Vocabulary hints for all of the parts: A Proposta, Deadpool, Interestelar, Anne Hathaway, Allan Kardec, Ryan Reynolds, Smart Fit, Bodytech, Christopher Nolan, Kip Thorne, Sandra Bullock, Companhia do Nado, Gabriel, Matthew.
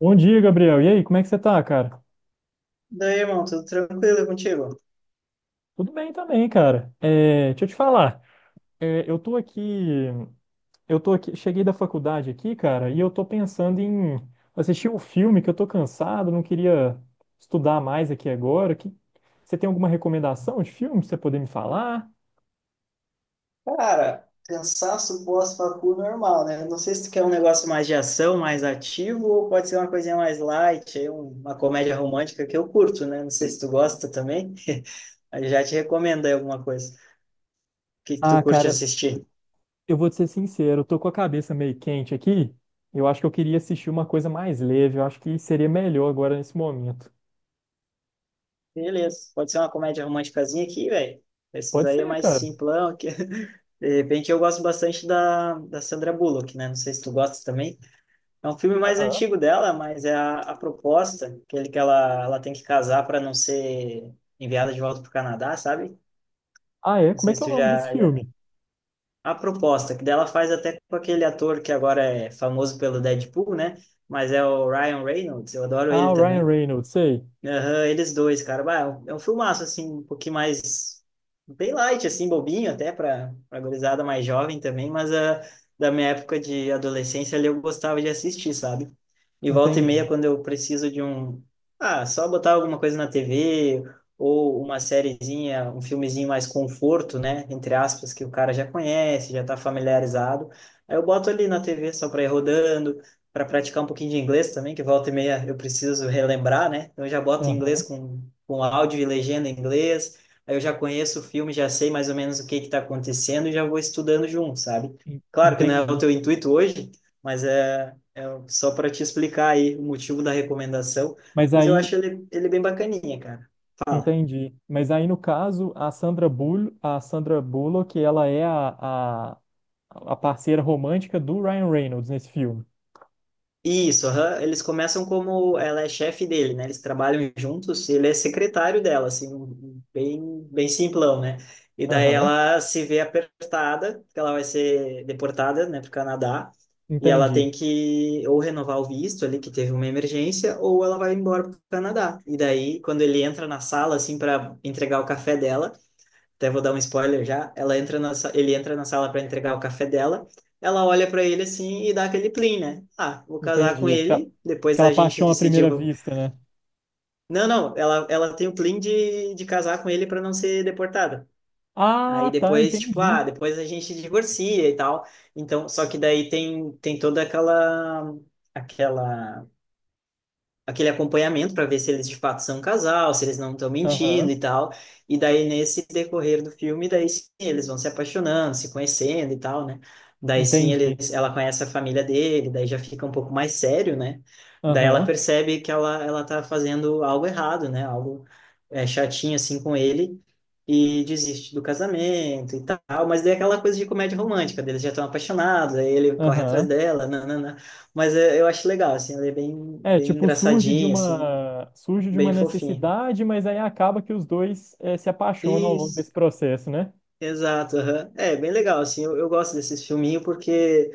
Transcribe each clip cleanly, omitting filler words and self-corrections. Bom dia, Gabriel. E aí, como é que você tá, cara? Daí, irmão, tudo tranquilo contigo? Tudo bem também, cara. Deixa eu te falar. É, eu tô aqui, Cheguei da faculdade aqui, cara, e eu tô pensando em assistir um filme que eu tô cansado, não queria estudar mais aqui agora. Que... Você tem alguma recomendação de filme pra você poder me falar? Cara, cansaço pós-facu normal, né? Não sei se tu quer um negócio mais de ação, mais ativo, ou pode ser uma coisinha mais light, aí uma comédia romântica que eu curto, né? Não sei se tu gosta também. Aí já te recomendo aí alguma coisa. O que que tu Ah, curte cara, assistir? eu vou te ser sincero, eu tô com a cabeça meio quente aqui. Eu acho que eu queria assistir uma coisa mais leve. Eu acho que seria melhor agora nesse momento. Beleza, pode ser uma comédia românticazinha aqui, velho. Esses Pode aí é ser, mais cara. simplão. Que... De repente eu gosto bastante da Sandra Bullock, né? Não sei se tu gosta também. É um filme mais Aham. antigo dela, mas é a proposta, aquele que ela tem que casar para não ser enviada de volta para o Canadá, sabe? Ah, é? Não Como é sei que se é o tu nome desse já. filme? A proposta, que dela faz até com aquele ator que agora é famoso pelo Deadpool, né? Mas é o Ryan Reynolds, eu adoro Ah, ele o Ryan também. Reynolds, sei. Aham, eles dois, cara. Bah, é um filmaço, assim, um pouquinho mais... Bem light, assim, bobinho até para a gurizada mais jovem também, mas da minha época de adolescência ali eu gostava de assistir, sabe? E volta e meia, Entendi. quando eu preciso de um... Ah, só botar alguma coisa na TV ou uma sériezinha, um filmezinho mais conforto, né? Entre aspas, que o cara já conhece, já tá familiarizado. Aí eu boto ali na TV só para ir rodando, para praticar um pouquinho de inglês também, que volta e meia eu preciso relembrar, né? Então eu já boto em inglês Aham, com áudio e legenda em inglês, aí eu já conheço o filme, já sei mais ou menos o que que está acontecendo e já vou estudando junto, sabe? Claro que não é o entendi. teu intuito hoje, mas é só para te explicar aí o motivo da recomendação, Mas mas eu aí, acho ele bem bacaninha, cara. Fala. entendi. Mas aí, no caso, a Sandra Bullock, ela é a, a parceira romântica do Ryan Reynolds nesse filme. Isso, aham. Eles começam como ela é chefe dele, né? Eles trabalham juntos, e ele é secretário dela, assim, um bem, bem simplão, né? E daí Aham, ela se vê apertada, porque ela vai ser deportada, né, para o Canadá, e ela entendi. tem que ou renovar o visto ali, que teve uma emergência, ou ela vai embora para o Canadá. E daí, quando ele entra na sala, assim, para entregar o café dela, até vou dar um spoiler já, ela entra ele entra na sala para entregar o café dela, ela olha para ele assim e dá aquele plim, né? Ah, vou casar com Entendi. Ele, depois Aquela a paixão gente à se primeira divo... vista, né? Não, não, ela tem o plim de casar com ele para não ser deportada. Aí Ah, tá, depois, tipo, entendi. depois a gente divorcia e tal. Então, só que daí tem toda aquela aquela aquele acompanhamento para ver se eles de fato são um casal, se eles não estão mentindo Aham, e tal. E daí nesse decorrer do filme, daí sim, eles vão se apaixonando, se conhecendo e tal, né? Daí sim entendi. Ela conhece a família dele, daí já fica um pouco mais sério, né? Daí ela Aham. percebe que ela tá fazendo algo errado, né? Algo chatinho assim com ele. E desiste do casamento e tal, mas daí é aquela coisa de comédia romântica, deles já estão apaixonados, aí ele corre atrás Aham. dela, nanana. Mas eu acho legal, assim, ele é bem, É, bem tipo, engraçadinho, assim, surge de bem uma fofinho. necessidade, mas aí acaba que os dois se apaixonam ao longo desse Isso, processo, né? exato, aham. É, bem legal, assim, eu gosto desses filminhos porque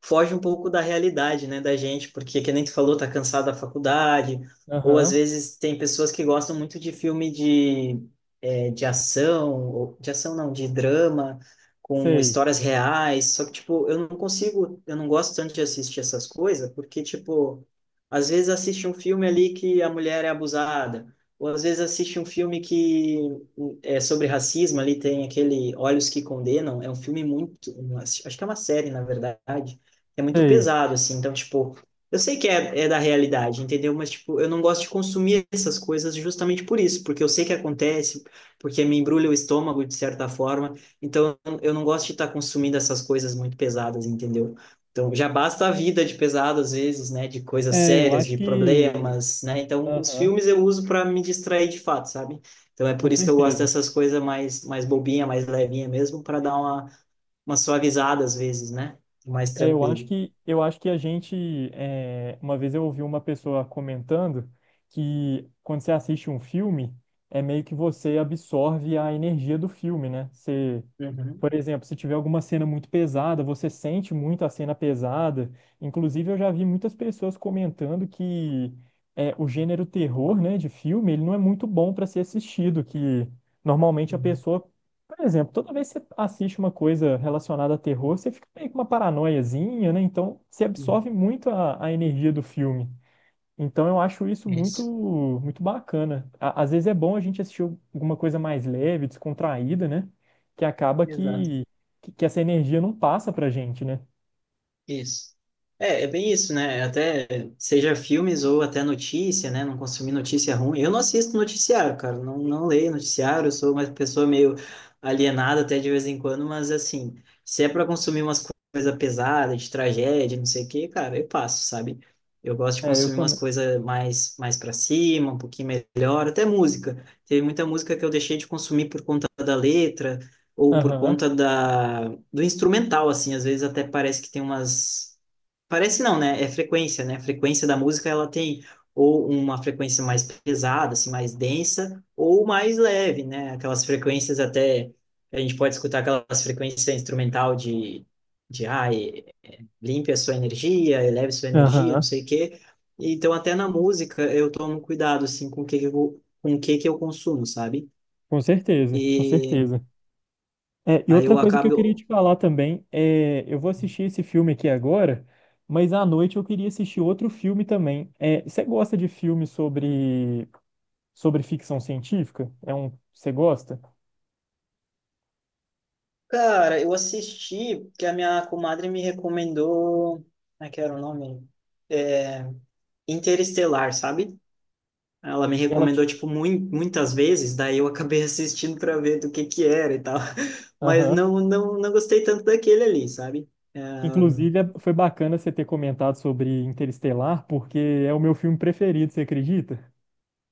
foge um pouco da realidade, né, da gente, porque, que nem tu falou, tá cansado da faculdade, ou às Aham, vezes tem pessoas que gostam muito de filme de, de ação, de ação não, de drama, com sei, histórias reais, só que, tipo, eu não consigo, eu não gosto tanto de assistir essas coisas, porque, tipo, às vezes assiste um filme ali que a mulher é abusada, ou às vezes assiste um filme que é sobre racismo, ali tem aquele Olhos que Condenam, é um filme muito, acho que é uma série, na verdade, é muito sei. pesado, assim. Então, tipo, eu sei que é da realidade, entendeu? Mas, tipo, eu não gosto de consumir essas coisas justamente por isso, porque eu sei que acontece, porque me embrulha o estômago de certa forma. Então, eu não gosto de estar consumindo essas coisas muito pesadas, entendeu? Então, já basta a vida de pesado às vezes, né? De coisas É, eu sérias, acho de que. problemas, né? Então, os Aham, filmes eu uso para me distrair de fato, sabe? Então, é com por isso que eu gosto certeza. dessas coisas mais bobinha, mais levinha mesmo, para dar uma suavizada às vezes, né? Mais É, tranquilo. Eu acho que a gente é, uma vez eu ouvi uma pessoa comentando que quando você assiste um filme é meio que você absorve a energia do filme, né? Você, Uhum, por exemplo, se tiver alguma cena muito pesada, você sente muito a cena pesada. Inclusive eu já vi muitas pessoas comentando que é, o gênero terror, né, de filme, ele não é muito bom para ser assistido, que normalmente a uhum, pessoa por exemplo, toda vez que você assiste uma coisa relacionada a terror, você fica meio com uma paranoiazinha, né? Então, você uhum. absorve muito a energia do filme. Então, eu acho isso muito, Isso, muito bacana. Às vezes é bom a gente assistir alguma coisa mais leve, descontraída, né? Que acaba exato. Que essa energia não passa pra gente, né? Isso. É bem isso, né? Até seja filmes ou até notícia, né? Não consumir notícia ruim. Eu não assisto noticiário, cara. Não, não leio noticiário. Eu sou uma pessoa meio alienada até de vez em quando, mas assim, se é para consumir umas coisas pesadas, de tragédia, não sei o quê, cara, eu passo, sabe? Eu gosto de É, eu consumir umas também. coisas mais para cima, um pouquinho melhor, até música. Teve muita música que eu deixei de consumir por conta da letra ou por Aham, conta da do instrumental, assim, às vezes até parece que tem umas. Parece não, né? É frequência, né? A frequência da música ela tem ou uma frequência mais pesada, assim, mais densa, ou mais leve, né? Aquelas frequências até. A gente pode escutar aquelas frequências instrumental de, de ah, e- limpe a sua energia, eleve sua energia, não aham. sei o quê. Então, até na música, eu tomo cuidado, assim, com o que que eu consumo, sabe? Com E certeza. É, e aí outra eu coisa que eu queria acabo. te falar também é, eu vou assistir esse filme aqui agora, mas à noite eu queria assistir outro filme também. É, você gosta de filme sobre ficção científica? É um, você gosta? Cara, eu assisti que a minha comadre me recomendou. Como é que era o nome? É, Interestelar, sabe? Ela me Ela te... recomendou, tipo, muitas vezes, daí eu acabei assistindo pra ver do que era e tal. Mas Aham. não, não, não gostei tanto daquele ali, sabe? Inclusive, foi bacana você ter comentado sobre Interestelar, porque é o meu filme preferido, você acredita?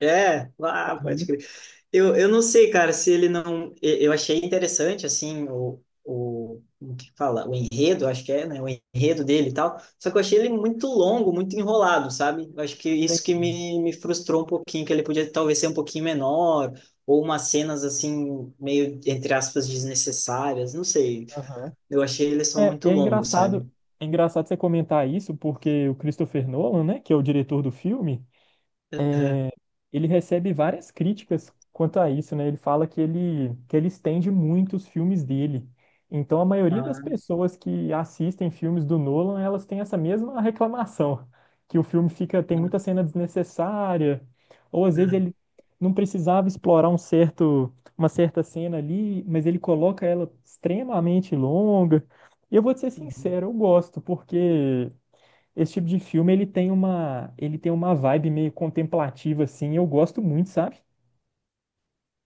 É, ah, pode Aham. crer. Eu não sei, cara, se ele não. Eu achei interessante, assim, como que fala? O enredo, acho que é, né? O enredo dele e tal. Só que eu achei ele muito longo, muito enrolado, sabe? Eu acho que isso que Tem- me frustrou um pouquinho, que ele podia talvez ser um pouquinho menor, ou umas cenas, assim, meio, entre aspas, desnecessárias, não sei. aham. Eu achei ele só É, muito longo, sabe? é engraçado você comentar isso, porque o Christopher Nolan, né, que é o diretor do filme, Aham. é, ele recebe várias críticas quanto a isso, né? Ele fala que ele estende muito os filmes dele. Então, a maioria das Ah, pessoas que assistem filmes do Nolan, elas têm essa mesma reclamação, que o filme fica, tem muita cena desnecessária, ou às vezes ele ah, não precisava explorar uma certa cena ali, mas ele coloca ela extremamente longa. E eu vou te ser ah. sincero, eu gosto, porque esse tipo de filme, ele tem uma vibe meio contemplativa, assim, e eu gosto muito, sabe?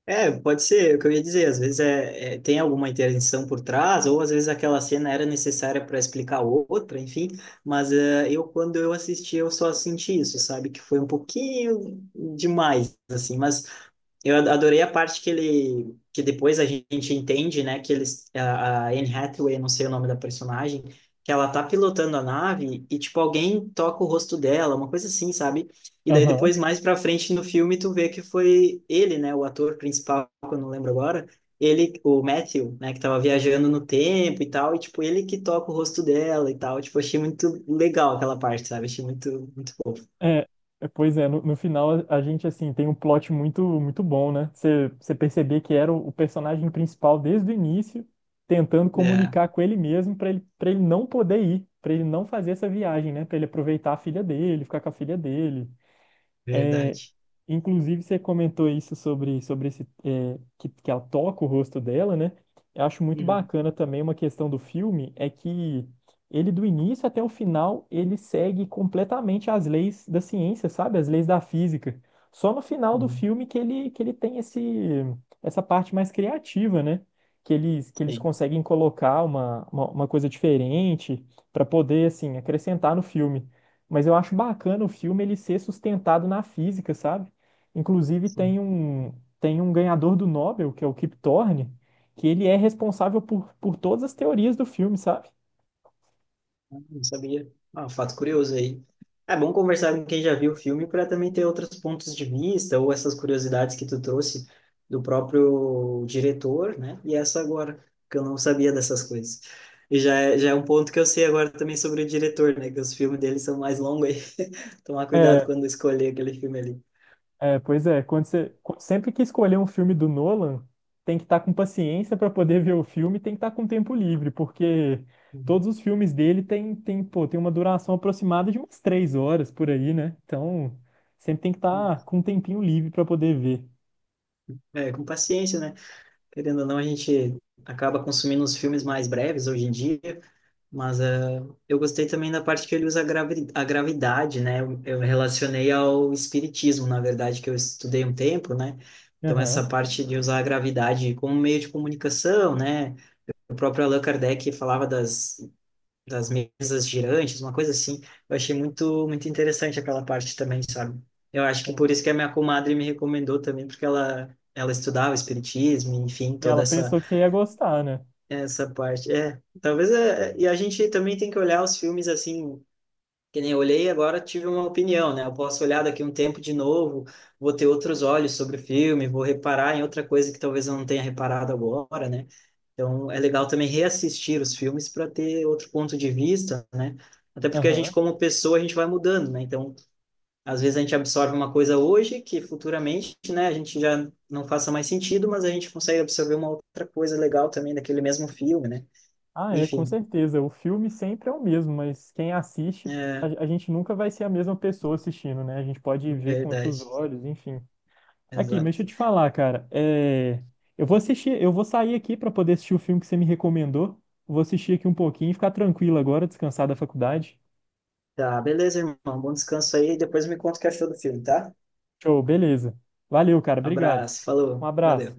É, pode ser, é o que eu ia dizer, às vezes tem alguma intervenção por trás, ou às vezes aquela cena era necessária para explicar outra, enfim, mas eu, quando eu assisti, eu só senti isso, sabe, que foi um pouquinho demais, assim, mas adorei a parte que ele, que depois a gente entende, né, que eles, a Anne Hathaway, não sei o nome da personagem, que ela tá pilotando a nave e, tipo, alguém toca o rosto dela, uma coisa assim, sabe? E daí Aham. depois, mais pra frente no filme, tu vê que foi ele, né, o ator principal, que eu não lembro agora, ele, o Matthew, né, que tava viajando no tempo e tal, e, tipo, ele que toca o rosto dela e tal, tipo, achei muito legal aquela parte, sabe? Achei muito, muito fofo. É, pois é, no final a gente, assim, tem um plot muito bom, né? Você perceber que era o personagem principal desde o início, tentando É, comunicar com ele mesmo para ele não poder ir, para ele não fazer essa viagem, né? Para ele aproveitar a filha dele, ficar com a filha dele. É, verdade. inclusive, você comentou isso sobre esse, é, que ela toca o rosto dela, né? Eu acho muito Uhum, bacana também uma questão do filme, é que ele, do início até o final, ele segue completamente as leis da ciência, sabe? As leis da física. Só no final do uhum. filme que ele tem esse, essa parte mais criativa, né? Que eles Sim. conseguem colocar uma coisa diferente para poder, assim, acrescentar no filme. Mas eu acho bacana o filme ele ser sustentado na física, sabe? Inclusive, Sim. Tem um ganhador do Nobel, que é o Kip Thorne, que ele é responsável por todas as teorias do filme, sabe? Não sabia. Ah, um fato curioso aí. É bom conversar com quem já viu o filme para também ter outros pontos de vista ou essas curiosidades que tu trouxe do próprio diretor, né? E essa agora, que eu não sabia dessas coisas. E já é um ponto que eu sei agora também sobre o diretor, né? Que os filmes dele são mais longos aí. Tomar cuidado É, quando escolher aquele filme ali. Pois é, sempre que escolher um filme do Nolan, tem que estar com paciência para poder ver o filme, tem que estar com tempo livre, porque Uhum. todos os filmes dele tem, pô, tem uma duração aproximada de umas 3 horas por aí, né? Então, sempre tem que estar com um tempinho livre para poder ver. É, com paciência, né? Querendo ou não, a gente acaba consumindo os filmes mais breves hoje em dia. Mas é, eu gostei também da parte que ele usa a gravidade, né? Eu relacionei ao espiritismo, na verdade, que eu estudei um tempo, né? Então, Aham. essa parte de usar a gravidade como meio de comunicação, né? O próprio Allan Kardec falava das mesas girantes, uma coisa assim. Eu achei muito, muito interessante aquela parte também, sabe? Eu acho que por isso que a minha comadre me recomendou também, porque ela estudava espiritismo, enfim, E toda ela essa pensou que você ia gostar, né? essa parte, é. Talvez e a gente também tem que olhar os filmes assim, que nem eu olhei agora tive uma opinião, né? Eu posso olhar daqui um tempo de novo, vou ter outros olhos sobre o filme, vou reparar em outra coisa que talvez eu não tenha reparado agora, né? Então é legal também reassistir os filmes para ter outro ponto de vista, né? Até porque a gente, Aham. como pessoa, a gente vai mudando, né? Então, às vezes a gente absorve uma coisa hoje que futuramente, né, a gente já não faça mais sentido, mas a gente consegue absorver uma outra coisa legal também daquele mesmo filme, né? Ah, é, com Enfim, certeza. O filme sempre é o mesmo, mas quem assiste, é a gente nunca vai ser a mesma pessoa assistindo, né? A gente pode ver com outros verdade. olhos, enfim. Aqui, mas deixa Exato. eu te falar, cara. É... Eu vou assistir, eu vou sair aqui para poder assistir o filme que você me recomendou. Vou assistir aqui um pouquinho e ficar tranquilo agora, descansar da faculdade. Tá, beleza, irmão. Bom descanso aí. Depois me conta o que achou do filme, tá? Show, beleza. Valeu, cara. Obrigado. Abraço, Um falou, valeu. abraço.